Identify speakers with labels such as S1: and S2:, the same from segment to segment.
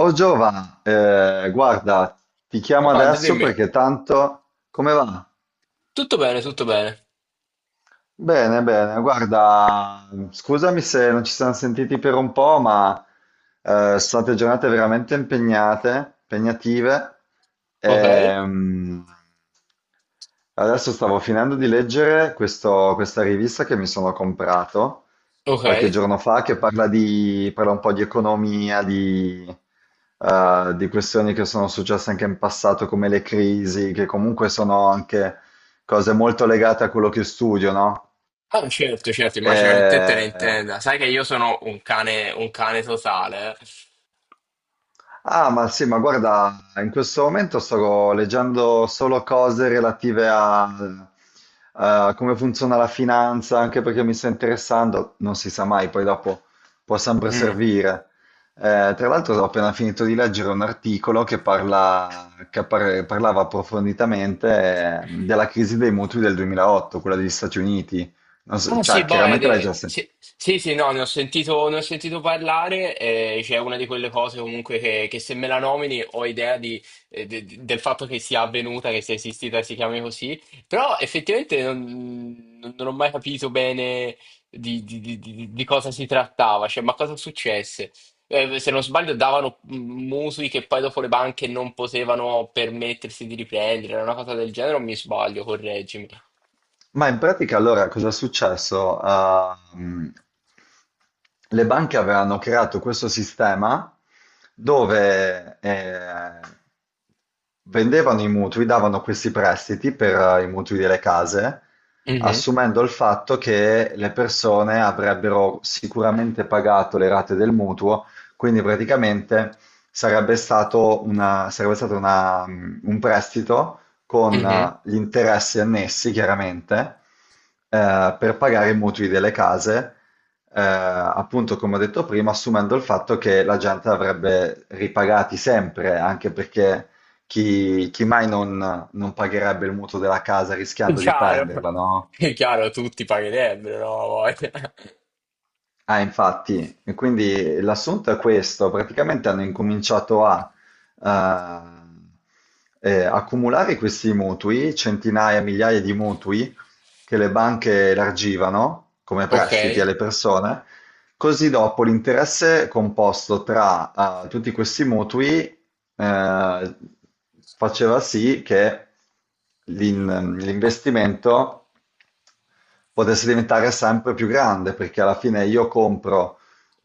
S1: Oh Giova, guarda, ti
S2: Oh,
S1: chiamo
S2: Andre,
S1: adesso
S2: dimmi.
S1: perché tanto. Come va?
S2: Tutto bene, tutto bene.
S1: Bene, bene, guarda, scusami se non ci siamo sentiti per un po', ma sono state giornate veramente impegnative.
S2: Ok?
S1: Ehm, Adesso stavo finendo di leggere questa rivista che mi sono comprato
S2: Ok?
S1: qualche giorno fa, che parla un po' di economia, di questioni che sono successe anche in passato, come le crisi, che comunque sono anche cose molto legate a quello che studio, no?
S2: Ah, certo, certo, immagino che te ne
S1: E-
S2: intenda. Sai che io sono un cane totale.
S1: Ah, ma sì, ma guarda, in questo momento sto leggendo solo cose relative a come funziona la finanza, anche perché mi sta interessando, non si sa mai, poi dopo può sempre
S2: Mm.
S1: servire. Tra l'altro ho appena finito di leggere un articolo che parlava approfonditamente della crisi dei mutui del 2008, quella degli Stati Uniti. Non so-
S2: Ah sì,
S1: cioè, chiaramente l'hai
S2: Boede,
S1: già sentito.
S2: sì, sì, sì, no, ne ho sentito parlare, c'è una di quelle cose comunque che se me la nomini ho idea di- del fatto che sia avvenuta, che sia esistita e si chiami così, però effettivamente non ho mai capito bene di cosa si trattava, cioè ma cosa successe? Se non sbaglio davano mutui che poi dopo le banche non potevano permettersi di riprendere, era una cosa del genere o mi sbaglio, correggimi.
S1: Ma in pratica allora cosa è successo? Ah, le banche avevano creato questo sistema dove vendevano i mutui, davano questi prestiti per i mutui delle case,
S2: Mhm,
S1: assumendo il fatto che le persone avrebbero sicuramente pagato le rate del mutuo, quindi praticamente sarebbe stato un prestito con
S2: mhm.
S1: gli interessi annessi, chiaramente, per pagare i mutui delle case, appunto come ho detto prima, assumendo il fatto che la gente avrebbe ripagati sempre, anche perché chi mai non pagherebbe il mutuo della casa
S2: È
S1: rischiando di
S2: chiaro,
S1: perderla, no?
S2: è chiaro, tutti pagherebbero, no? Ha voglia.
S1: Ah, infatti, e quindi l'assunto è questo, praticamente hanno incominciato a accumulare questi mutui, centinaia, migliaia di mutui che le banche elargivano come
S2: Ok,
S1: prestiti alle persone, così dopo l'interesse composto tra tutti questi mutui eh, faceva sì che l'investimento potesse diventare sempre più grande, perché alla fine io compro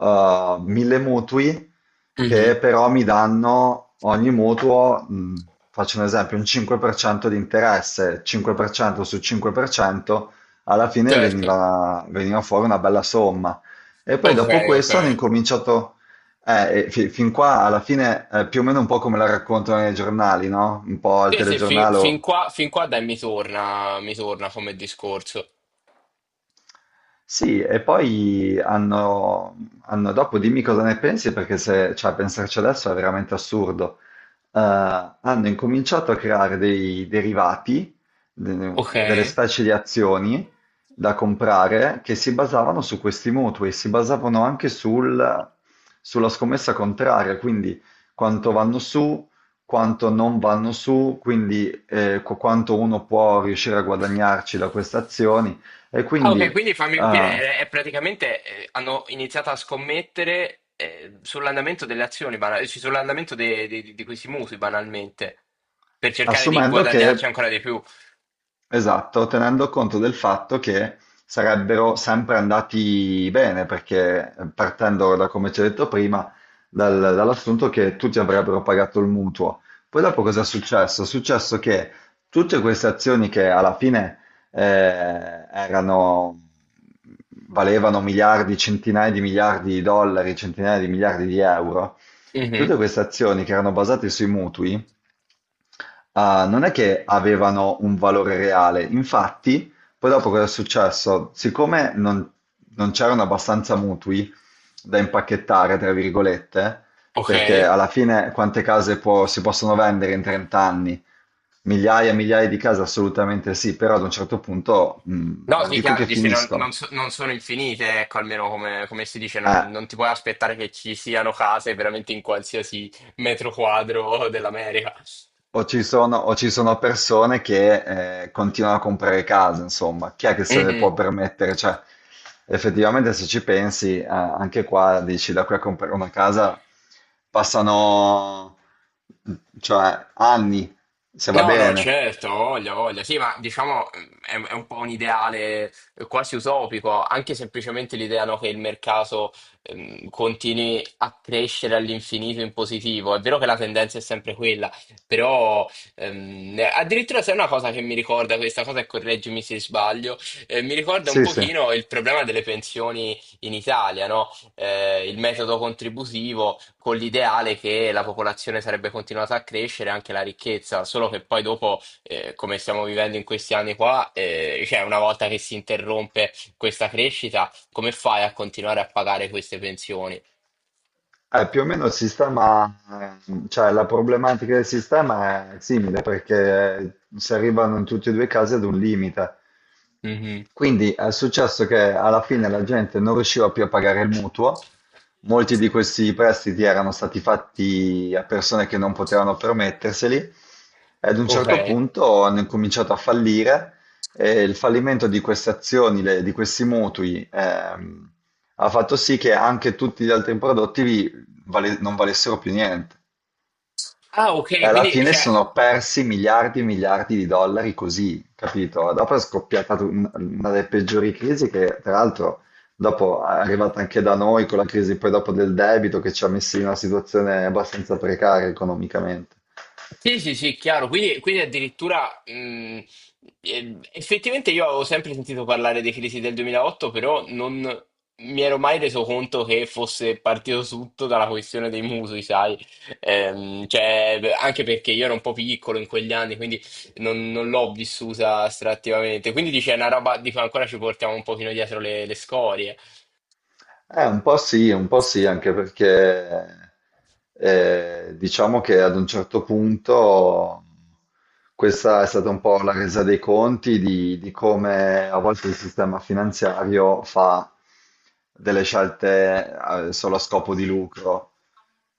S1: 1000 mutui che
S2: mhm,
S1: però mi danno ogni mutuo, faccio un esempio, un 5% di interesse, 5% su 5%, alla fine
S2: certo,
S1: veniva fuori una bella somma. E poi
S2: ok,
S1: dopo
S2: ok.
S1: questo hanno incominciato, e fin qua alla fine è più o meno un po' come la raccontano nei giornali, no? Un po' al
S2: Sì, sì,
S1: telegiornale.
S2: fin qua dai, mi torna come discorso.
S1: Sì, e poi dopo dimmi cosa ne pensi, perché se, cioè, pensarci adesso è veramente assurdo. Hanno incominciato a creare dei derivati,
S2: Ok.
S1: delle specie di azioni da comprare che si basavano su questi mutui, si basavano anche sulla scommessa contraria, quindi quanto vanno su, quanto non vanno su, quindi quanto uno può riuscire a guadagnarci da queste azioni. E
S2: Ah, ok,
S1: quindi.
S2: quindi fammi capire,
S1: Ah,
S2: è praticamente hanno iniziato a scommettere sull'andamento delle azioni, cioè, sull'andamento di questi mutui, banalmente, per cercare di
S1: assumendo che,
S2: guadagnarci ancora di più.
S1: esatto, tenendo conto del fatto che sarebbero sempre andati bene, perché partendo da come ci hai detto prima, dall'assunto che tutti avrebbero pagato il mutuo. Poi dopo cosa è successo? È successo che tutte queste azioni che alla fine eh, erano, valevano miliardi, centinaia di miliardi di dollari, centinaia di miliardi di euro,
S2: Mhm,
S1: tutte queste azioni che erano basate sui mutui, ah, non è che avevano un valore reale. Infatti, poi dopo cosa è successo? Siccome non c'erano abbastanza mutui da impacchettare, tra virgolette,
S2: ok.
S1: perché alla fine quante case si possono vendere in 30 anni? Migliaia e migliaia di case, assolutamente sì, però ad un certo punto,
S2: No,
S1: non
S2: sì,
S1: dico
S2: chiaro,
S1: che
S2: dici,
S1: finiscono.
S2: non sono infinite, ecco, almeno come, come si dice,
S1: Eh.
S2: non, non ti puoi aspettare che ci siano case veramente in qualsiasi metro quadro dell'America.
S1: O ci sono persone che continuano a comprare case, insomma, chi è che se le può
S2: Mhm.
S1: permettere? Cioè, effettivamente, se ci pensi, anche qua dici da qui a comprare una casa passano, cioè, anni, se va
S2: No, no,
S1: bene.
S2: certo, voglia, voglia. Sì, ma diciamo è un po' un ideale quasi utopico, anche semplicemente l'idea, no, che il mercato continui a crescere all'infinito in positivo. È vero che la tendenza è sempre quella, però addirittura se è una cosa che mi ricorda questa cosa, e correggimi se sbaglio, mi ricorda un
S1: Sì, sì.
S2: pochino il problema delle pensioni in Italia, no? Eh, il metodo contributivo con l'ideale che la popolazione sarebbe continuata a crescere, anche la ricchezza, solo che poi dopo, come stiamo vivendo in questi anni qua, cioè una volta che si interrompe questa crescita, come fai a continuare a pagare queste pensioni?
S1: Più o meno il sistema, cioè la problematica del sistema è simile perché si arrivano in tutti e due i casi ad un limite.
S2: Mhm.
S1: Quindi è successo che alla fine la gente non riusciva più a pagare il mutuo, molti di questi prestiti erano stati fatti a persone che non potevano permetterseli e ad un
S2: Ok.
S1: certo punto hanno incominciato a fallire e il fallimento di queste azioni, di questi mutui, ha fatto sì che anche tutti gli altri prodotti non valessero più niente.
S2: Ah,
S1: E
S2: ok,
S1: alla
S2: quindi
S1: fine
S2: cioè,
S1: sono persi miliardi e miliardi di dollari così, capito? Dopo è scoppiata una delle peggiori crisi che, tra l'altro, dopo è arrivata anche da noi con la crisi poi dopo del debito che ci ha messi in una situazione abbastanza precaria economicamente.
S2: sì, sì, sì, chiaro. Quindi, quindi addirittura effettivamente io avevo sempre sentito parlare dei crisi del 2008, però non mi ero mai reso conto che fosse partito tutto dalla questione dei mutui, sai? Cioè, anche perché io ero un po' piccolo in quegli anni, quindi non l'ho vissuta estrattivamente. Quindi dice, è una roba di cui ancora ci portiamo un pochino dietro le scorie.
S1: Un po' sì, anche perché diciamo che ad un certo punto questa è stata un po' la resa dei conti di come a volte il sistema finanziario fa delle scelte solo a scopo di lucro,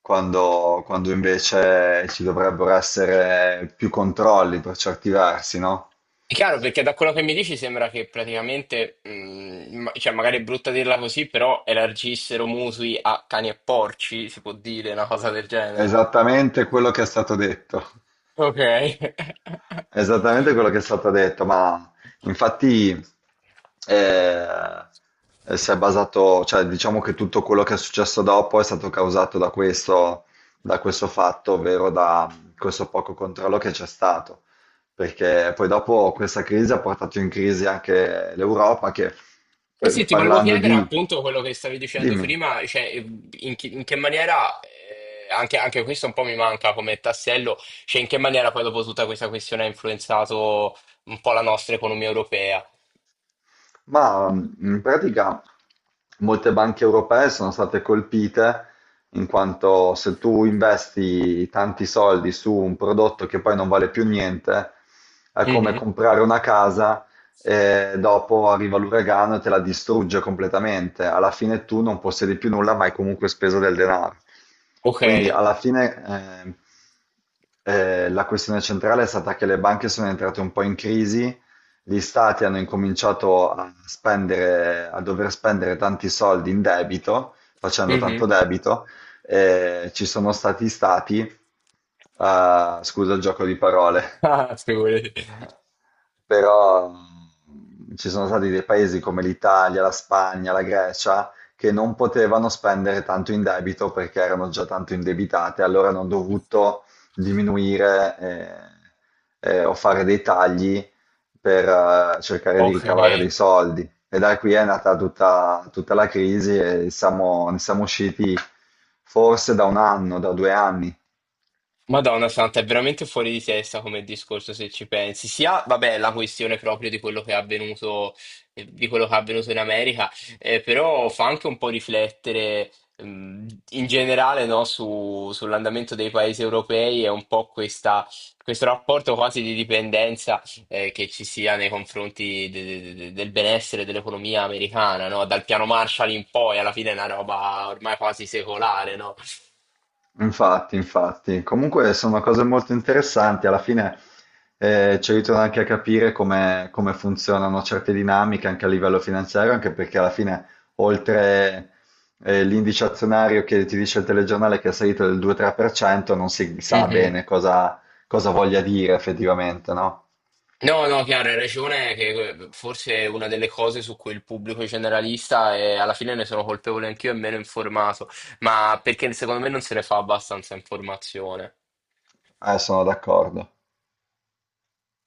S1: quando invece ci dovrebbero essere più controlli per certi versi, no?
S2: È chiaro, perché da quello che mi dici sembra che praticamente, cioè magari è brutta dirla così, però elargissero mutui a cani e porci, si può dire una cosa del genere.
S1: Esattamente quello che è stato detto.
S2: Ok.
S1: Esattamente quello che è stato detto, ma infatti eh, si è basato, cioè diciamo che tutto quello che è successo dopo è stato causato da questo fatto, ovvero da questo poco controllo che c'è stato, perché poi dopo questa crisi ha portato in crisi anche l'Europa che,
S2: Eh sì, ti volevo
S1: parlando
S2: chiedere
S1: di.
S2: appunto quello che stavi dicendo
S1: Dimmi.
S2: prima, cioè in che maniera, anche, anche questo un po' mi manca come tassello, cioè in che maniera poi dopo tutta questa questione ha influenzato un po' la nostra economia europea.
S1: Ma in pratica molte banche europee sono state colpite in quanto se tu investi tanti soldi su un prodotto che poi non vale più niente, è come
S2: Mhm,
S1: comprare una casa e dopo arriva l'uragano e te la distrugge completamente. Alla fine tu non possiedi più nulla, ma hai comunque speso del denaro.
S2: ok.
S1: Quindi alla fine la questione centrale è stata che le banche sono entrate un po' in crisi. Gli stati hanno incominciato a dover spendere tanti soldi in debito, facendo tanto
S2: Mhm.
S1: debito, e ci sono stati stati, scusa il gioco di parole,
S2: Ah, figurati.
S1: però ci sono stati dei paesi come l'Italia, la Spagna, la Grecia, che non potevano spendere tanto in debito perché erano già tanto indebitate, allora hanno dovuto diminuire o fare dei tagli per cercare di
S2: Ok.
S1: ricavare dei soldi. E da qui è nata tutta la crisi e ne siamo usciti forse da un anno, da 2 anni.
S2: Madonna Santa, è veramente fuori di testa come discorso se ci pensi. Sia, vabbè, la questione proprio di quello che è avvenuto, di quello che è avvenuto in America, però fa anche un po' riflettere, mh, in generale, no, sull'andamento dei paesi europei e un po' questo rapporto quasi di dipendenza, che ci sia nei confronti del benessere dell'economia americana, no? Dal piano Marshall in poi, alla fine è una roba ormai quasi secolare, no?
S1: Infatti, infatti. Comunque sono cose molto interessanti. Alla fine ci aiutano anche a capire come funzionano certe dinamiche anche a livello finanziario, anche perché alla fine, oltre l'indice azionario che ti dice il telegiornale che è salito del 2-3%, non si sa bene cosa voglia dire effettivamente, no?
S2: No, no, chiaro, hai ragione che forse è una delle cose su cui il pubblico generalista e alla fine ne sono colpevole anch'io è meno informato, ma perché secondo me non se ne fa abbastanza informazione.
S1: Sono d'accordo.